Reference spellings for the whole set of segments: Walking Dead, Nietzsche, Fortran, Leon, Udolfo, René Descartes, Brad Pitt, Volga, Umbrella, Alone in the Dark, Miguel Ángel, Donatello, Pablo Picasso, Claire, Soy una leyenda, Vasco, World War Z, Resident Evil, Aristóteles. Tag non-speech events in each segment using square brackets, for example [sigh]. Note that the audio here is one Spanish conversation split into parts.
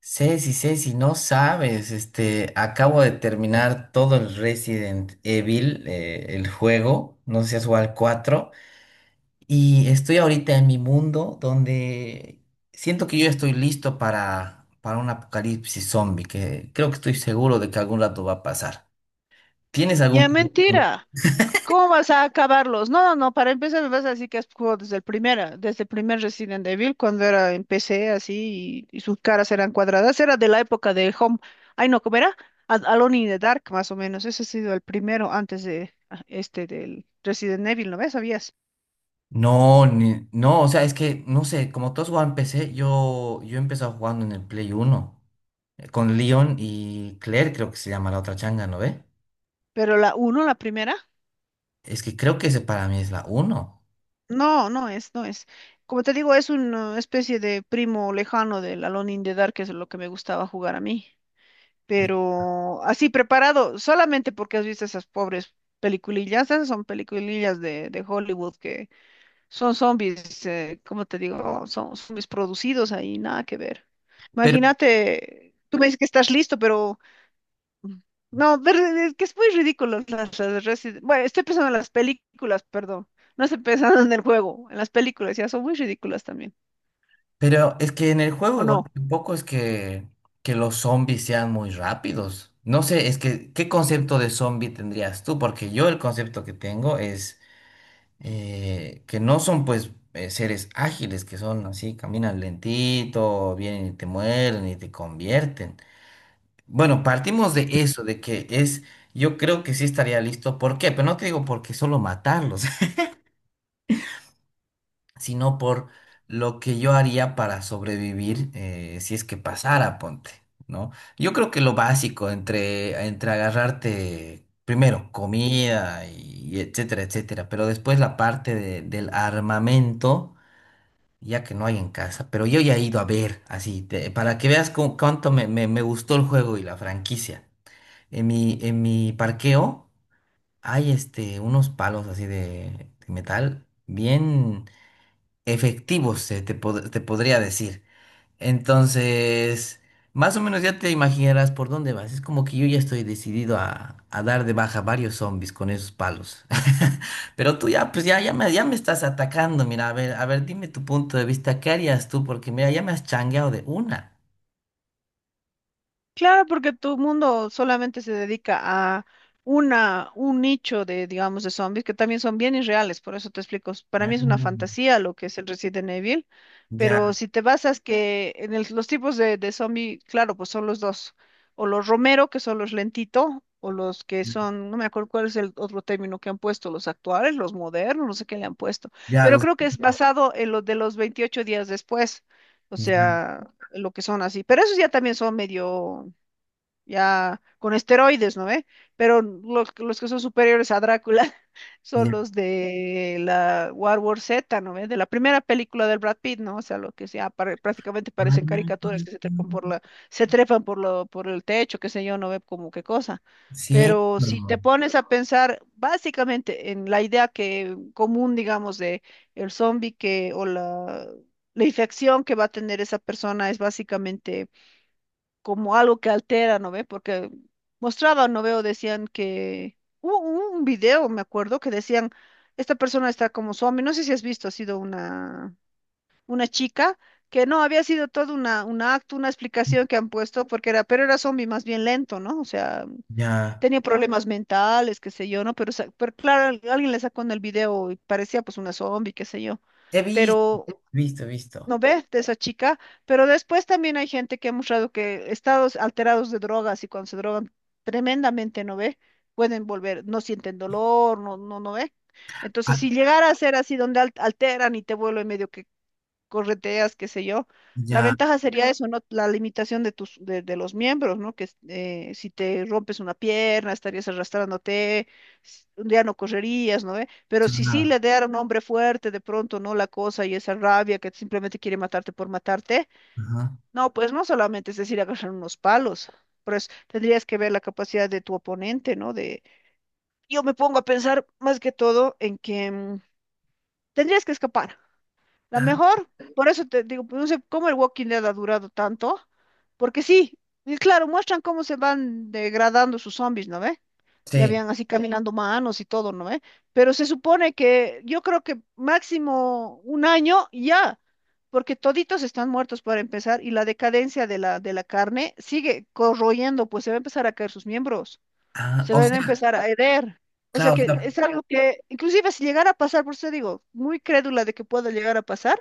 Ceci, Ceci, no sabes, acabo de terminar todo el Resident Evil, el juego, no sé si has jugado al 4, y estoy ahorita en mi mundo donde siento que yo estoy listo para un apocalipsis zombie, que creo que estoy seguro de que algún rato va a pasar. ¿Tienes Ya algún plan? mentira. ¿Cómo vas a acabarlos? No, no, no. Para empezar me vas a decir que has jugado desde desde el primer Resident Evil, cuando era empecé así y sus caras eran cuadradas. Era de la época de Home. Ay, no, ¿cómo era? Alone in the Dark, más o menos. Ese ha sido el primero antes de este del Resident Evil, ¿no ves? ¿Sabías? No, no, o sea, es que, no sé, como todos juegan en PC, yo he empezado jugando en el Play uno con Leon y Claire, creo que se llama la otra changa, ¿no ve? Pero la uno, la primera, Es que creo que ese para mí es la uno. no, no es. Como te digo, es una especie de primo lejano del Alone in the Dark, que es lo que me gustaba jugar a mí. Pero así preparado, solamente porque has visto esas pobres peliculillas. Esas son peliculillas de Hollywood que son zombies. ¿Cómo te digo? Son zombies producidos ahí, nada que ver. Pero, Imagínate, tú me dices que estás listo, pero mm, no, es que es muy ridículo Bueno, estoy pensando en las películas, perdón, no estoy pensando en el juego, en las películas ya son muy ridículas también, pero es que en el juego ¿o igual no? tampoco es que los zombies sean muy rápidos. No sé, es que, ¿qué concepto de zombie tendrías tú? Porque yo el concepto que tengo es que no son pues seres ágiles, que son así, caminan lentito, vienen y te mueren y te convierten. Bueno, partimos de eso, de que es, yo creo que sí estaría listo. ¿Por qué? Pero no te digo porque solo matarlos, sino por lo que yo haría para sobrevivir si es que pasara, ponte, ¿no? Yo creo que lo básico entre agarrarte primero comida y etcétera, etcétera, pero después la parte del armamento, ya que no hay en casa, pero yo ya he ido a ver, así, para que veas cuánto me gustó el juego y la franquicia. En mi parqueo hay unos palos así de metal bien efectivos, te podría decir. Entonces, más o menos ya te imaginarás por dónde vas. Es como que yo ya estoy decidido a dar de baja varios zombies con esos palos. [laughs] Pero tú ya, pues ya, ya me estás atacando. Mira, a ver, dime tu punto de vista. ¿Qué harías tú? Porque mira, ya me has changueado de una. Claro, porque todo el mundo solamente se dedica a un nicho de, digamos, de zombies que también son bien irreales, por eso te explico. Para Ah. mí es una fantasía lo que es el Resident Evil, Ya, pero si te basas que en los tipos de zombie, claro, pues son los dos, o los Romero, que son los lentito, o los que son, no me acuerdo cuál es el otro término que han puesto, los actuales, los modernos, no sé qué le han puesto, ya pero los, creo que es basado en lo de los 28 días después, o ya, sea, lo que son así, pero esos ya también son medio ya con esteroides, ¿no ve? Pero los que son superiores a Drácula [laughs] son ya. los de la World War Z, ¿no ve? De la primera película del Brad Pitt, ¿no? O sea, lo que sea, prácticamente parecen caricaturas [laughs] Ah. que se trepan por por el techo, qué sé yo, no ve como qué cosa. Pero Cierto. si te pones a pensar básicamente en la idea que común, digamos, de el zombie que o la infección que va a tener esa persona es básicamente como algo que altera, ¿no ve? Porque mostraban, ¿no veo? Decían que hubo un video, me acuerdo, que decían, esta persona está como zombie, no sé si has visto, ha sido una chica, que no, había sido todo un acto, una explicación que han puesto, porque era, pero era zombie más bien lento, ¿no? O sea, Ya. tenía problemas mentales, qué sé yo, ¿no? Pero, claro, alguien le sacó en el video y parecía pues una zombie, qué sé yo. He visto, Pero visto, visto. ¿no ve? De esa chica, pero después también hay gente que ha mostrado que estados alterados de drogas y cuando se drogan tremendamente, ¿no ve? Pueden volver, no sienten dolor, no ve. Entonces, Ah, si llegara a ser así donde alteran y te vuelve medio que correteas, qué sé yo. La ya, ventaja sería eso, ¿no? La limitación de tus, de los miembros, ¿no? Que si te rompes una pierna, estarías arrastrándote, un día no correrías, ¿no ve? Pero si sí claro. le diera a un hombre fuerte de pronto, ¿no? La cosa y esa rabia que simplemente quiere matarte por matarte, Ajá. no, pues no solamente es decir agarrar unos palos, pero tendrías que ver la capacidad de tu oponente, ¿no? De, yo me pongo a pensar más que todo en que tendrías que escapar. La Ah, mejor, por eso te digo, pues, no sé cómo el Walking Dead ha durado tanto, porque sí, y claro, muestran cómo se van degradando sus zombies, ¿no ve? Y sí. habían así, sí, caminando manos y todo, ¿no ve? Pero se supone que yo creo que máximo un año y ya, porque toditos están muertos para empezar y la decadencia de la carne sigue corroyendo, pues se va a empezar a caer sus miembros, Ah, se o van a sea, empezar a herer. O sea claro, o que sea, es algo que, inclusive si llegara a pasar, por eso digo, muy crédula de que pueda llegar a pasar,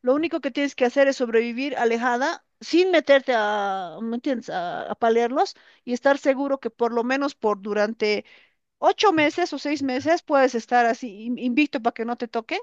lo único que tienes que hacer es sobrevivir alejada, sin meterte a, ¿me entiendes?, a palearlos y estar seguro que por lo menos por durante 8 meses o 6 meses puedes estar así invicto para que no te toquen,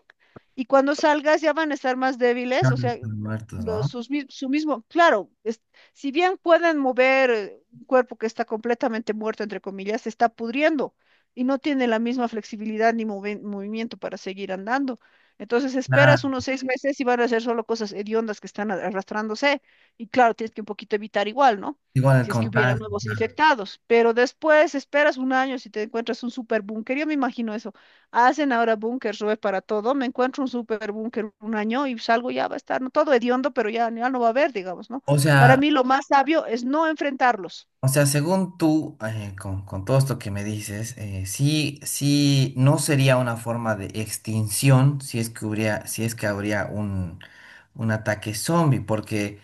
y cuando salgas ya van a estar más débiles, no o no sea, están muertos, ¿no? Su mismo, claro, si bien pueden mover un cuerpo que está completamente muerto, entre comillas, se está pudriendo y no tiene la misma flexibilidad ni movimiento para seguir andando. Entonces Ah, esperas unos 6 meses y van a ser solo cosas hediondas que están arrastrándose, y claro, tienes que un poquito evitar igual, ¿no? igual el Si es que hubiera contagio. nuevos Claro. infectados. Pero después esperas un año si te encuentras un superbúnker. Yo me imagino eso. Hacen ahora búnkers, Rubén, para todo. Me encuentro un superbúnker un año y salgo, ya va a estar, ¿no?, todo hediondo, pero ya, ya no va a haber, digamos, ¿no? O Para sea, mí lo más sabio es no enfrentarlos. o sea, según tú, con todo esto que me dices, sí, sí, no sería una forma de extinción si es que hubiera, si es que habría un ataque zombie, porque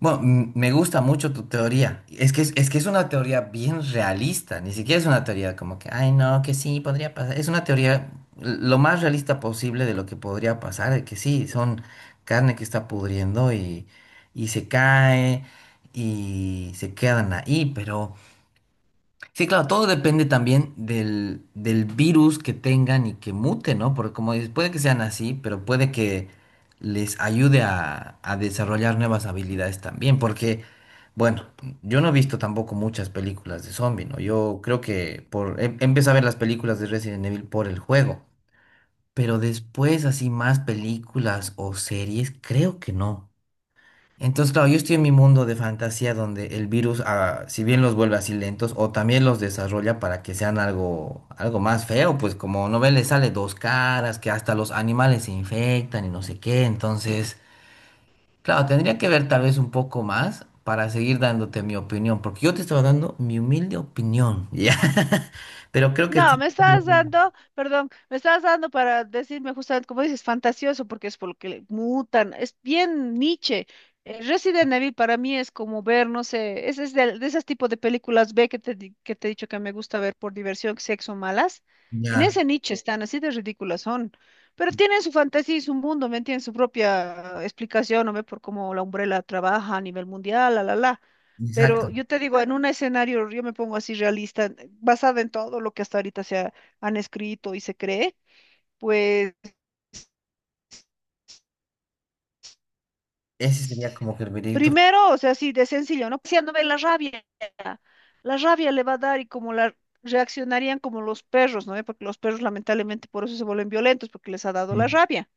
bueno, me gusta mucho tu teoría. Es que es una teoría bien realista. Ni siquiera es una teoría como que, ay, no, que sí, podría pasar. Es una teoría lo más realista posible de lo que podría pasar, de que sí, son carne que está pudriendo y se cae y se quedan ahí, pero... Sí, claro, todo depende también del, del virus que tengan y que mute, ¿no? Porque como dices, puede que sean así, pero puede que les ayude a desarrollar nuevas habilidades también, porque, bueno, yo no he visto tampoco muchas películas de zombie, ¿no? Yo creo que por, empecé a ver las películas de Resident Evil por el juego, pero después así más películas o series, creo que no. Entonces, claro, yo estoy en mi mundo de fantasía donde el virus, ah, si bien los vuelve así lentos, o también los desarrolla para que sean algo, algo más feo, pues como no ven, le sale dos caras, que hasta los animales se infectan y no sé qué. Entonces, claro, tendría que ver tal vez un poco más para seguir dándote mi opinión, porque yo te estaba dando mi humilde opinión, [laughs] ¿ya? Pero creo que No, sí, me estás dando, perdón, me estás dando para decirme justamente, como dices, fantasioso, porque es por lo que le mutan. Es bien Nietzsche. Resident Evil para mí es como ver, no sé, es de esos tipos de películas B que que te he dicho que me gusta ver por diversión, sexo, malas. En ya, ese nicho están, así de ridículas son. Pero tienen su fantasía y su mundo, ¿me entiendes? Su propia explicación, ¿no ve? Por cómo la Umbrella trabaja a nivel mundial, la, la, la. exacto. Pero yo te digo, en un escenario, yo me pongo así realista, basada en todo lo que hasta ahorita han escrito y se cree, pues Ese sería como que el veredicto. primero, o sea, así de sencillo, ¿no? Paseándome la rabia. La rabia le va a dar, y como la reaccionarían como los perros, ¿no? Porque los perros lamentablemente por eso se vuelven violentos, porque les ha dado Sí, la rabia.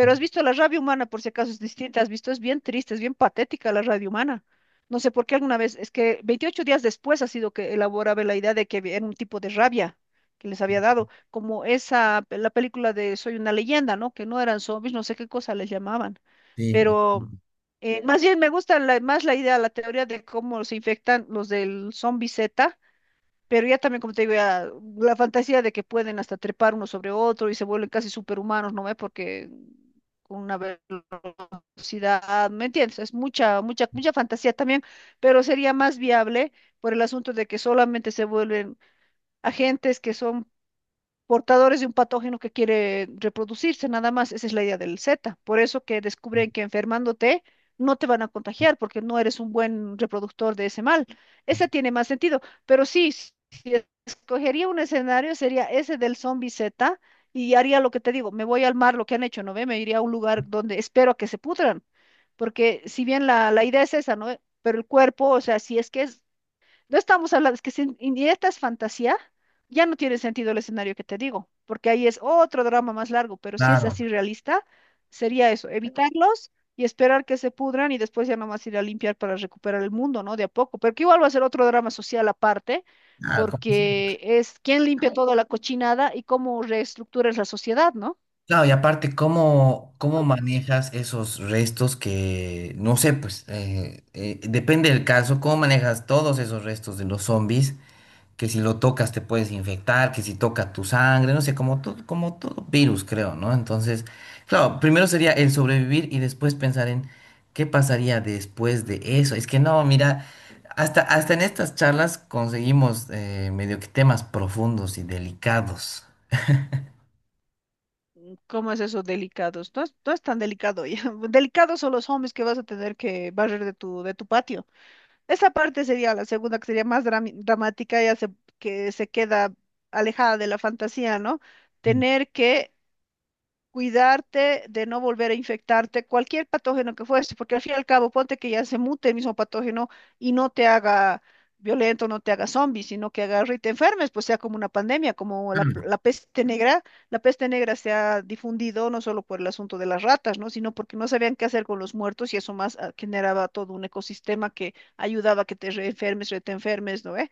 sí, has visto la rabia humana, por si acaso es distinta, has visto, es bien triste, es bien patética la rabia humana. No sé por qué alguna vez, es que 28 días después ha sido que elaboraba la idea de que era un tipo de rabia que les había dado, como esa, la película de Soy una leyenda, ¿no? Que no eran zombies, no sé qué cosa les llamaban, sí, pero más bien me gusta más la idea, la teoría de cómo se infectan los del zombie Z, pero ya también, como te digo, ya la fantasía de que pueden hasta trepar uno sobre otro y se vuelven casi superhumanos, ¿no ve? Porque con una velocidad, ¿me entiendes? Es mucha, mucha, mucha fantasía también, pero sería más viable por el asunto de que solamente se vuelven agentes que son portadores de un patógeno que quiere reproducirse, nada más. Esa es la idea del Z. Por eso que descubren que enfermándote no te van a contagiar porque no eres un buen reproductor de ese mal. Ese tiene más sentido. Pero sí, si escogería un escenario, sería ese del zombie Z, y haría lo que te digo, me voy al mar, lo que han hecho, ¿no ve? Me iría a un lugar donde espero a que se pudran. Porque si bien la idea es esa, ¿no ve? Pero el cuerpo, o sea, si es que es, no estamos hablando, es que si indirecta es fantasía, ya no tiene sentido el escenario que te digo, porque ahí es otro drama más largo, pero si es claro, así realista, sería eso, evitarlos y esperar que se pudran, y después ya nomás ir a limpiar para recuperar el mundo, ¿no? De a poco, pero que igual va a ser otro drama social aparte, claro, como si- porque es quién limpia toda la cochinada y cómo reestructuras la sociedad, ¿no? claro, y aparte, ¿cómo, cómo manejas esos restos que, no sé, pues, depende del caso, ¿cómo manejas todos esos restos de los zombies? Que si lo tocas te puedes infectar, que si toca tu sangre, no sé, como todo virus, creo, ¿no? Entonces, claro, primero sería el sobrevivir y después pensar en qué pasaría después de eso. Es que no, mira, hasta, hasta en estas charlas conseguimos medio que temas profundos y delicados. ¿Cómo es eso delicados? No es tan delicado ya. [laughs] Delicados son los hombres que vas a tener que barrer de tu patio. Esa parte sería la segunda, que sería más dramática, que se queda alejada de la fantasía, ¿no? Mm. Tener que cuidarte de no volver a infectarte cualquier patógeno que fuese, porque al fin y al cabo, ponte que ya se mute el mismo patógeno y no te haga violento, no te haga zombie, sino que agarre y te enfermes, pues sea como una pandemia, como la peste negra. La peste negra se ha difundido no solo por el asunto de las ratas, ¿no? Sino porque no sabían qué hacer con los muertos, y eso más generaba todo un ecosistema que ayudaba a que te reenfermes, re te enfermes, ¿no?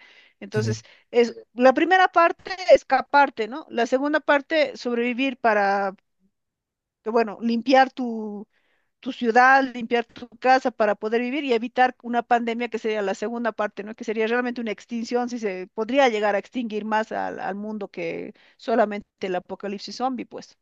Sí. Entonces, la primera parte, escaparte, ¿no? La segunda parte, sobrevivir para que, bueno, limpiar tu ciudad, limpiar tu casa para poder vivir y evitar una pandemia, que sería la segunda parte, ¿no? Que sería realmente una extinción, si se podría llegar a extinguir más al mundo que solamente el apocalipsis zombie, pues.